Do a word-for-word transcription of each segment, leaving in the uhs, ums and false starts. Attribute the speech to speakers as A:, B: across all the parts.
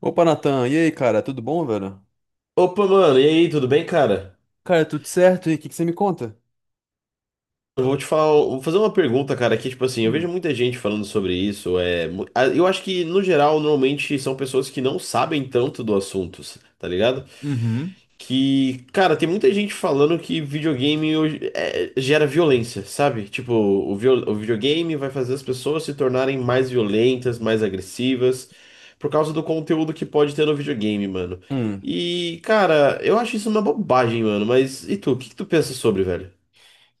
A: Opa, Natan, e aí, cara, tudo bom, velho?
B: Opa, mano, e aí, tudo bem, cara?
A: Cara, tudo certo? E o que que você me conta?
B: Eu vou te falar, vou fazer uma pergunta, cara, que, tipo assim, eu vejo
A: Hum.
B: muita gente falando sobre isso, é, mu- a- eu acho que, no geral, normalmente são pessoas que não sabem tanto do assunto, tá ligado?
A: Uhum.
B: Que, cara, tem muita gente falando que videogame hoje- é, gera violência, sabe? Tipo, o, viol- o videogame vai fazer as pessoas se tornarem mais violentas, mais agressivas, por causa do conteúdo que pode ter no videogame, mano.
A: Hum.
B: E, cara, eu acho isso uma bobagem, mano, mas e tu? O que que tu pensa sobre, velho?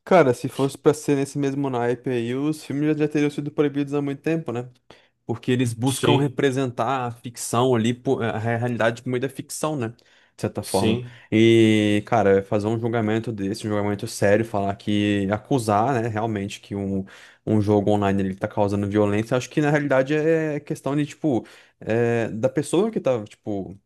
A: Cara, se fosse pra ser nesse mesmo naipe aí, os filmes já, já teriam sido proibidos há muito tempo, né? Porque eles buscam
B: Sim,
A: representar a ficção ali, pô, a realidade por meio da ficção, né? De certa forma.
B: sim.
A: E, cara, fazer um julgamento desse, um julgamento sério, falar que, acusar, né, realmente que um, um jogo online ele tá causando violência, acho que na realidade é questão de, tipo, é, da pessoa que tá, tipo.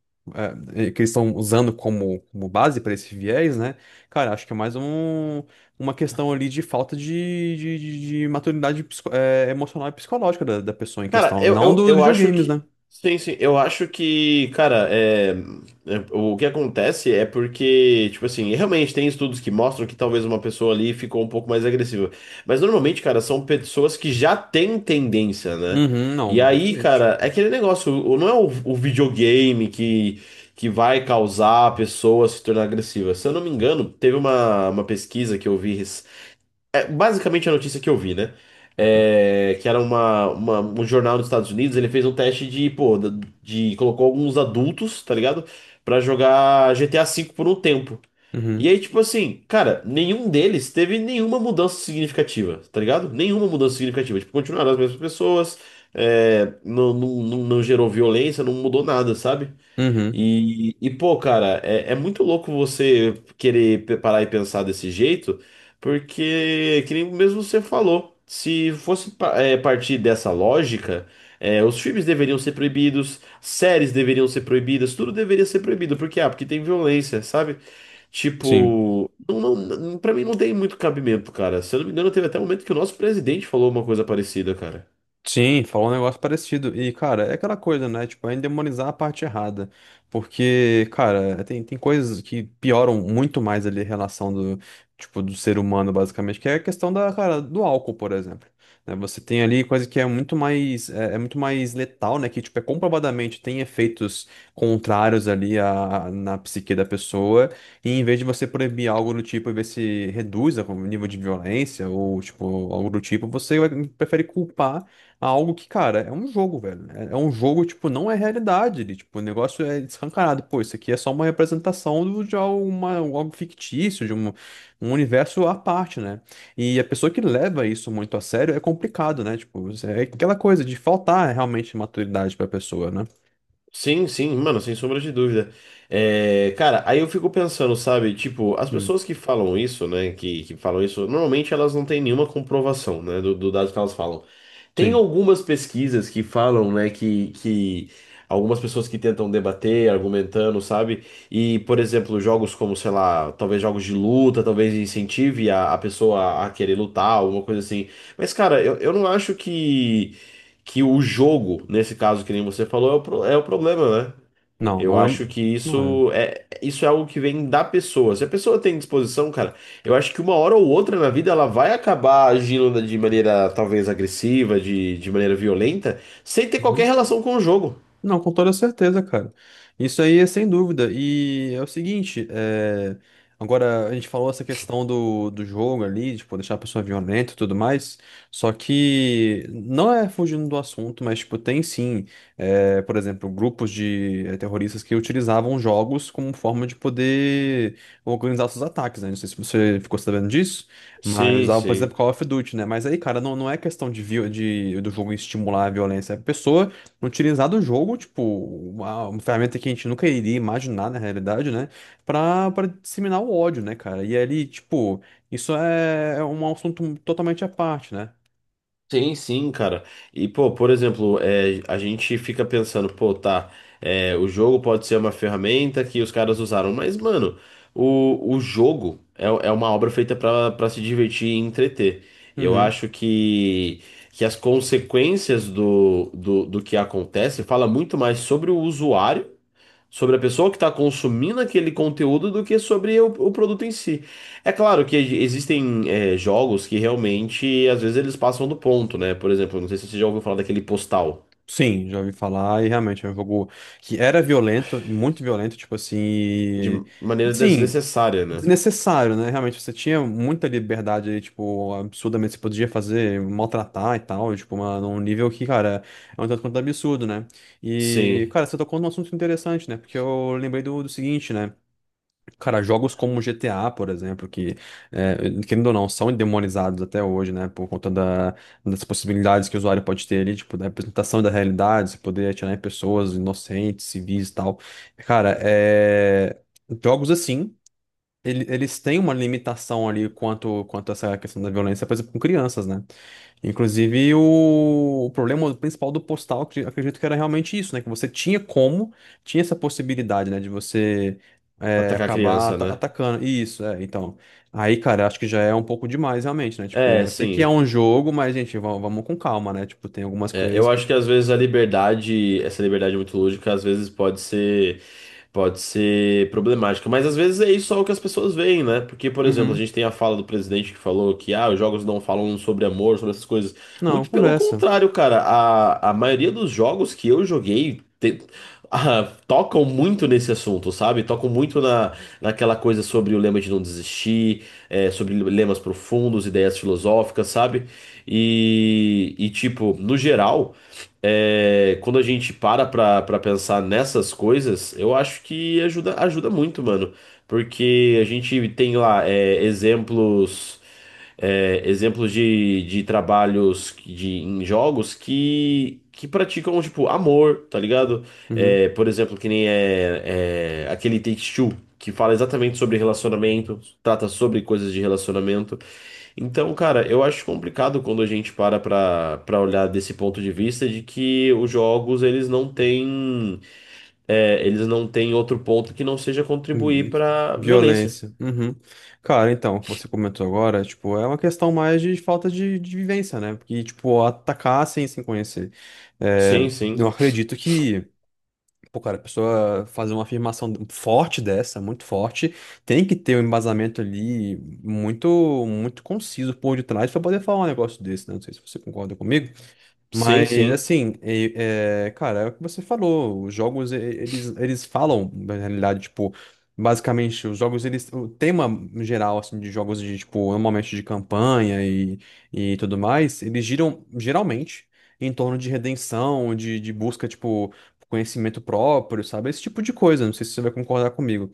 A: é, que eles estão usando como, como base para esse viés, né? Cara, acho que é mais um uma questão ali de falta de, de, de- de maturidade psico- é, emocional e psicológica da, da pessoa em
B: Cara,
A: questão,
B: eu,
A: não
B: eu,
A: dos
B: eu acho
A: videogames,
B: que.
A: né?
B: Sim, sim. Eu acho que, cara, é, é, o que acontece é porque, tipo assim, realmente tem estudos que mostram que talvez uma pessoa ali ficou um pouco mais agressiva. Mas normalmente, cara, são pessoas que já têm tendência, né?
A: Uhum, não,
B: E aí,
A: exatamente.
B: cara, é aquele negócio, o- não é o, o videogame que, que vai causar a pessoa se tornar agressiva. Se eu não me engano, teve uma, uma pesquisa que eu vi. Basicamente a notícia que eu vi, né? É, que era uma, uma- um jornal dos Estados Unidos, ele fez um teste de, pô, da- de, colocou alguns adultos, tá ligado? Pra jogar G T A V por um tempo. E
A: Uhum,
B: aí, tipo assim, cara, nenhum deles teve nenhuma mudança significativa, tá ligado? Nenhuma mudança significativa. Tipo, continuaram as mesmas pessoas, é, não, não, não, não gerou violência, não mudou nada, sabe?
A: uhum,
B: E, e, pô, cara, é, é muito louco você querer pe- parar e pensar desse jeito, porque, que nem mesmo você falou, se fosse pa- é, partir dessa lógica, é, os filmes deveriam ser proibidos, séries deveriam ser proibidas, tudo deveria ser proibido, porque, ah, porque tem violência, sabe?
A: sim.
B: Tipo, não, não, não- pra mim não tem muito cabimento, cara. Se eu não me engano, teve até um momento que o nosso presidente falou uma coisa parecida, cara.
A: Sim, falou um negócio parecido. E, cara, é aquela coisa, né? Tipo, é endemonizar a parte errada. Porque, cara, tem, tem coisas que pioram muito mais ali a relação do, tipo, do ser humano, basicamente, que é a questão da, cara, do álcool, por exemplo. Né? Você tem ali coisa que é muito mais, é, é muito mais letal, né? Que, tipo, é comprovadamente tem efeitos contrários ali à, na psique da pessoa. E em vez de você proibir algo do tipo e ver se reduz o nível de violência ou, tipo, algo do tipo, você vai- prefere culpar algo que, cara, é um jogo, velho. É é um jogo, tipo, não é realidade. Ele, tipo, o negócio é escancarado. Pô, isso aqui é só uma representação do- de alguma, algo fictício, de um, um universo à parte, né? E a pessoa que leva isso muito a sério é complicado, né? Tipo, é aquela coisa de faltar realmente maturidade pra pessoa, né?
B: Sim, sim, mano, sem sombra de dúvida. É, cara, aí eu fico pensando, sabe? Tipo, as
A: Hum,
B: pessoas que falam isso, né? Que, que falam isso, normalmente elas não têm nenhuma comprovação, né? Do, do dado que elas falam. Tem
A: sim.
B: algumas pesquisas que falam, né? Que, que algumas pessoas que tentam debater, argumentando, sabe? E, por exemplo, jogos como, sei lá, talvez jogos de luta, talvez incentive a, a pessoa a querer lutar, alguma coisa assim. Mas, cara, eu, eu não acho que que o jogo, nesse caso que nem você falou, é o, pro- é o problema, né?
A: Não,
B: Eu
A: não é.
B: acho que
A: Não é.
B: isso é, isso é algo que vem da pessoa. Se a pessoa tem disposição, cara, eu acho que uma hora ou outra na vida ela vai acabar agindo de maneira talvez agressiva, de, de maneira violenta, sem ter qualquer relação com o jogo.
A: Não, com toda certeza, cara. Isso aí é sem dúvida. E é o seguinte, é, agora a gente falou essa questão do, do jogo ali, de tipo, deixar a pessoa violenta e tudo mais. Só que não é fugindo do assunto, mas tipo, tem sim, é, por exemplo, grupos de é, terroristas que utilizavam jogos como forma de poder organizar seus ataques, né? Não sei se você ficou sabendo disso, mas
B: Sim,
A: usavam, por exemplo,
B: sim.
A: Call of Duty, né? Mas aí, cara, não, não é questão de, vi- de do jogo estimular a violência. A pessoa utilizar do jogo, tipo, uma, uma ferramenta que a gente nunca iria imaginar na realidade, né? Pra, pra disseminar o ódio, né, cara? E ali, tipo, isso é é um assunto totalmente à parte, né?
B: Sim, sim, cara. E, pô, por exemplo, é, a gente fica pensando, pô, tá, é, o jogo pode ser uma ferramenta que os caras usaram, mas, mano, o, o jogo é, é uma obra feita pra para se divertir e entreter. Eu
A: Uhum.
B: acho que, que as consequências do, do, do que acontece fala muito mais sobre o usuário, sobre a pessoa que está consumindo aquele conteúdo do que sobre o, o produto em si. É claro que existem é, jogos que realmente, às vezes, eles passam do ponto, né? Por exemplo, não sei se você já ouviu falar daquele postal,
A: Sim, já ouvi falar e realmente é um jogo que era violento, muito violento, tipo assim,
B: de
A: e,
B: maneira
A: assim,
B: desnecessária, né?
A: desnecessário, né? Realmente você tinha muita liberdade ali, tipo, absurdamente você podia fazer, maltratar e tal, tipo, uma, num nível que, cara, é um tanto quanto absurdo, né? E,
B: Sim,
A: cara, você tocou num assunto interessante, né? Porque eu lembrei do, do seguinte, né? Cara, jogos como G T A, por exemplo, que, é, querendo ou não, são demonizados até hoje, né? Por conta da- das possibilidades que o usuário pode ter ali, tipo, da representação da realidade, se poder atirar em pessoas inocentes, civis e tal. Cara, é, jogos assim ele- eles têm uma limitação ali quanto, quanto a essa questão da violência, por exemplo, com crianças, né? Inclusive, o, o problema principal do postal, acre- acredito que era realmente isso, né? Que você tinha como, tinha essa possibilidade, né? De você é,
B: atacar a
A: acabar
B: criança,
A: ata-
B: né?
A: atacando. Isso, é, então. Aí, cara, acho que já é um pouco demais, realmente, né? Tipo,
B: É,
A: eu sei que é
B: sim.
A: um jogo, mas, gente, va- vamos com calma, né? Tipo, tem algumas
B: É,
A: coisas
B: eu
A: que.
B: acho que às vezes a liberdade, essa liberdade muito lúdica, às vezes pode ser, pode ser problemática. Mas às vezes é isso só o que as pessoas veem, né? Porque, por exemplo, a
A: Uhum.
B: gente tem a fala do presidente que falou que ah, os jogos não falam sobre amor, sobre essas coisas.
A: Não,
B: Muito pelo
A: conversa.
B: contrário, cara. A, a maioria dos jogos que eu joguei. te- ah, tocam muito nesse assunto, sabe? Tocam muito na, naquela coisa sobre o lema de não desistir, é, sobre lemas profundos, ideias filosóficas, sabe? E, e tipo, no geral, é, quando a gente para pra, pra pensar nessas coisas, eu acho que ajuda, ajuda muito, mano. Porque a gente tem lá é, exemplos, é, exemplos de, de trabalhos de, em jogos que, que praticam, tipo, amor, tá ligado?
A: Uhum.
B: É, por exemplo, que nem é, é aquele Take-Two, que fala exatamente sobre relacionamento, trata sobre coisas de relacionamento. Então, cara, eu acho complicado quando a gente para pra, pra olhar desse ponto de vista de que os jogos, eles não têm, é, eles não têm outro ponto que não seja contribuir pra violência.
A: Violência. Uhum. Cara, então, o que você comentou agora, tipo, é uma questão mais de falta de, de vivência, né? Porque, tipo, atacar assim, sem se conhecer.
B: Sim,
A: É, eu
B: sim.
A: acredito que, pô, cara, a pessoa fazer uma afirmação forte dessa, muito forte, tem que ter um embasamento ali muito, muito conciso por detrás pra poder falar um negócio desse, né? Não sei se você concorda comigo.
B: Sim,
A: Mas
B: sim.
A: assim, e- é, cara, é o que você falou, os jogos e- eles, eles falam, na realidade, tipo, basicamente, os jogos, eles, o tema geral, assim, de jogos de, tipo, normalmente de campanha e, e tudo mais, eles giram, geralmente, em torno de redenção, de, de busca, tipo, conhecimento próprio, sabe? Esse tipo de coisa, não sei se você vai concordar comigo.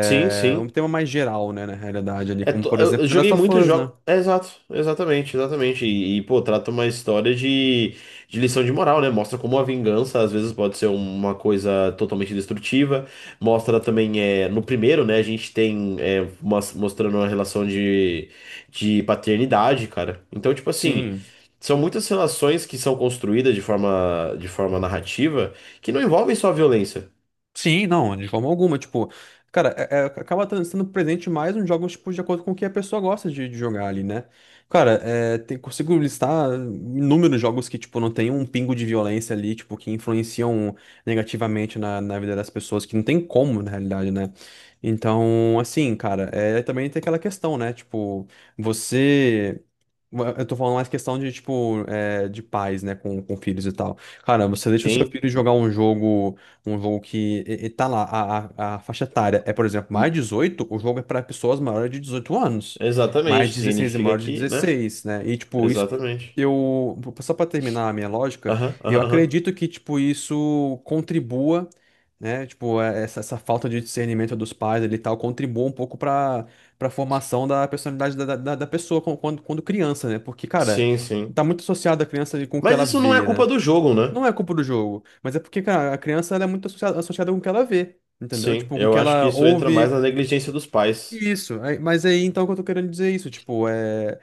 B: Sim,
A: um
B: sim.
A: tema mais geral, né, na realidade, ali,
B: É,
A: como,
B: to-
A: por
B: eu eu
A: exemplo, The Last
B: joguei
A: of
B: muitos
A: Us, né?
B: jogos. É, exato, exatamente, exatamente. E, e, pô, trata uma história de, de lição de moral, né? Mostra como a vingança às vezes pode ser uma coisa totalmente destrutiva. Mostra também, é, no primeiro, né? A gente tem é, mos- mostrando uma relação de, de paternidade, cara. Então, tipo assim,
A: Sim.
B: são muitas relações que são construídas de forma, de forma narrativa que não envolvem só violência.
A: Sim, não, de forma alguma. Tipo, cara, é- é- acaba tran- sendo presente mais nos jogos, tipo, de acordo com o que a pessoa gosta de, de jogar ali, né? Cara, é, tem- consigo listar inúmeros jogos que, tipo, não tem um pingo de violência ali, tipo, que influenciam negativamente na, na vida das pessoas, que não tem como, na realidade, né? Então, assim, cara, é, também tem aquela questão, né? Tipo, você. Eu tô falando mais questão de, tipo, é, de pais, né, com, com filhos e tal. Cara, você deixa o seu
B: Tem.
A: filho jogar um jogo um jogo que e- e tá lá, a, a, a faixa etária é, por exemplo, mais
B: Hum.
A: de dezoito o jogo é para pessoas maiores de dezoito anos, mais
B: Exatamente,
A: de dezesseis e
B: significa
A: maior de
B: que, né?
A: dezesseis né? E, tipo, isso.
B: Exatamente.
A: Eu, só para terminar a minha lógica,
B: Aham,
A: eu
B: aham, aham.
A: acredito que, tipo, isso contribua, né? Tipo, é- essa, essa falta de discernimento dos pais ali e tal, contribua um pouco para para formação da personalidade da, da, da pessoa com- quando, quando criança, né? Porque, cara,
B: Sim, sim.
A: tá muito associado a criança ali com o que
B: Mas
A: ela
B: isso não é
A: vê,
B: culpa
A: né?
B: do jogo, né?
A: Não é culpa do jogo, mas é porque, cara, a criança ela é muito associada, associada com o que ela vê, entendeu?
B: Sim,
A: Tipo, com o
B: eu
A: que
B: acho que
A: ela
B: isso entra mais
A: ouve.
B: na negligência dos pais.
A: Isso, aí- mas aí então que eu tô querendo dizer é isso, tipo, é.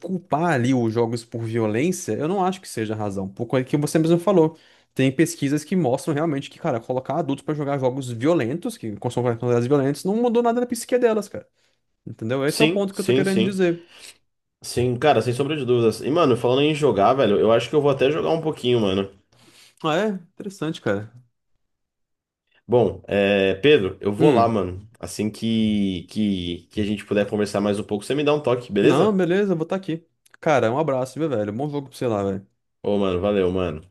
A: Culpar ali os jogos por violência, eu não acho que seja a razão. Por coisa que você mesmo falou. Tem pesquisas que mostram realmente que, cara, colocar adultos pra jogar jogos violentos, que consomem quantidades violentas, não mudou nada na psique delas, cara. Entendeu? Esse é o
B: Sim,
A: ponto que eu tô
B: sim,
A: querendo
B: sim.
A: dizer.
B: Sim, cara, sem sombra de dúvidas. E, mano, falando em jogar, velho, eu acho que eu vou até jogar um pouquinho, mano.
A: Ah, é? Interessante, cara.
B: Bom, é, Pedro, eu vou lá,
A: Hum.
B: mano. Assim que, que, que a gente puder conversar mais um pouco, você me dá um toque,
A: Não,
B: beleza?
A: beleza, vou estar aqui. Cara, um abraço, viu, velho? Bom jogo pra você lá, velho.
B: Ô, mano, valeu, mano.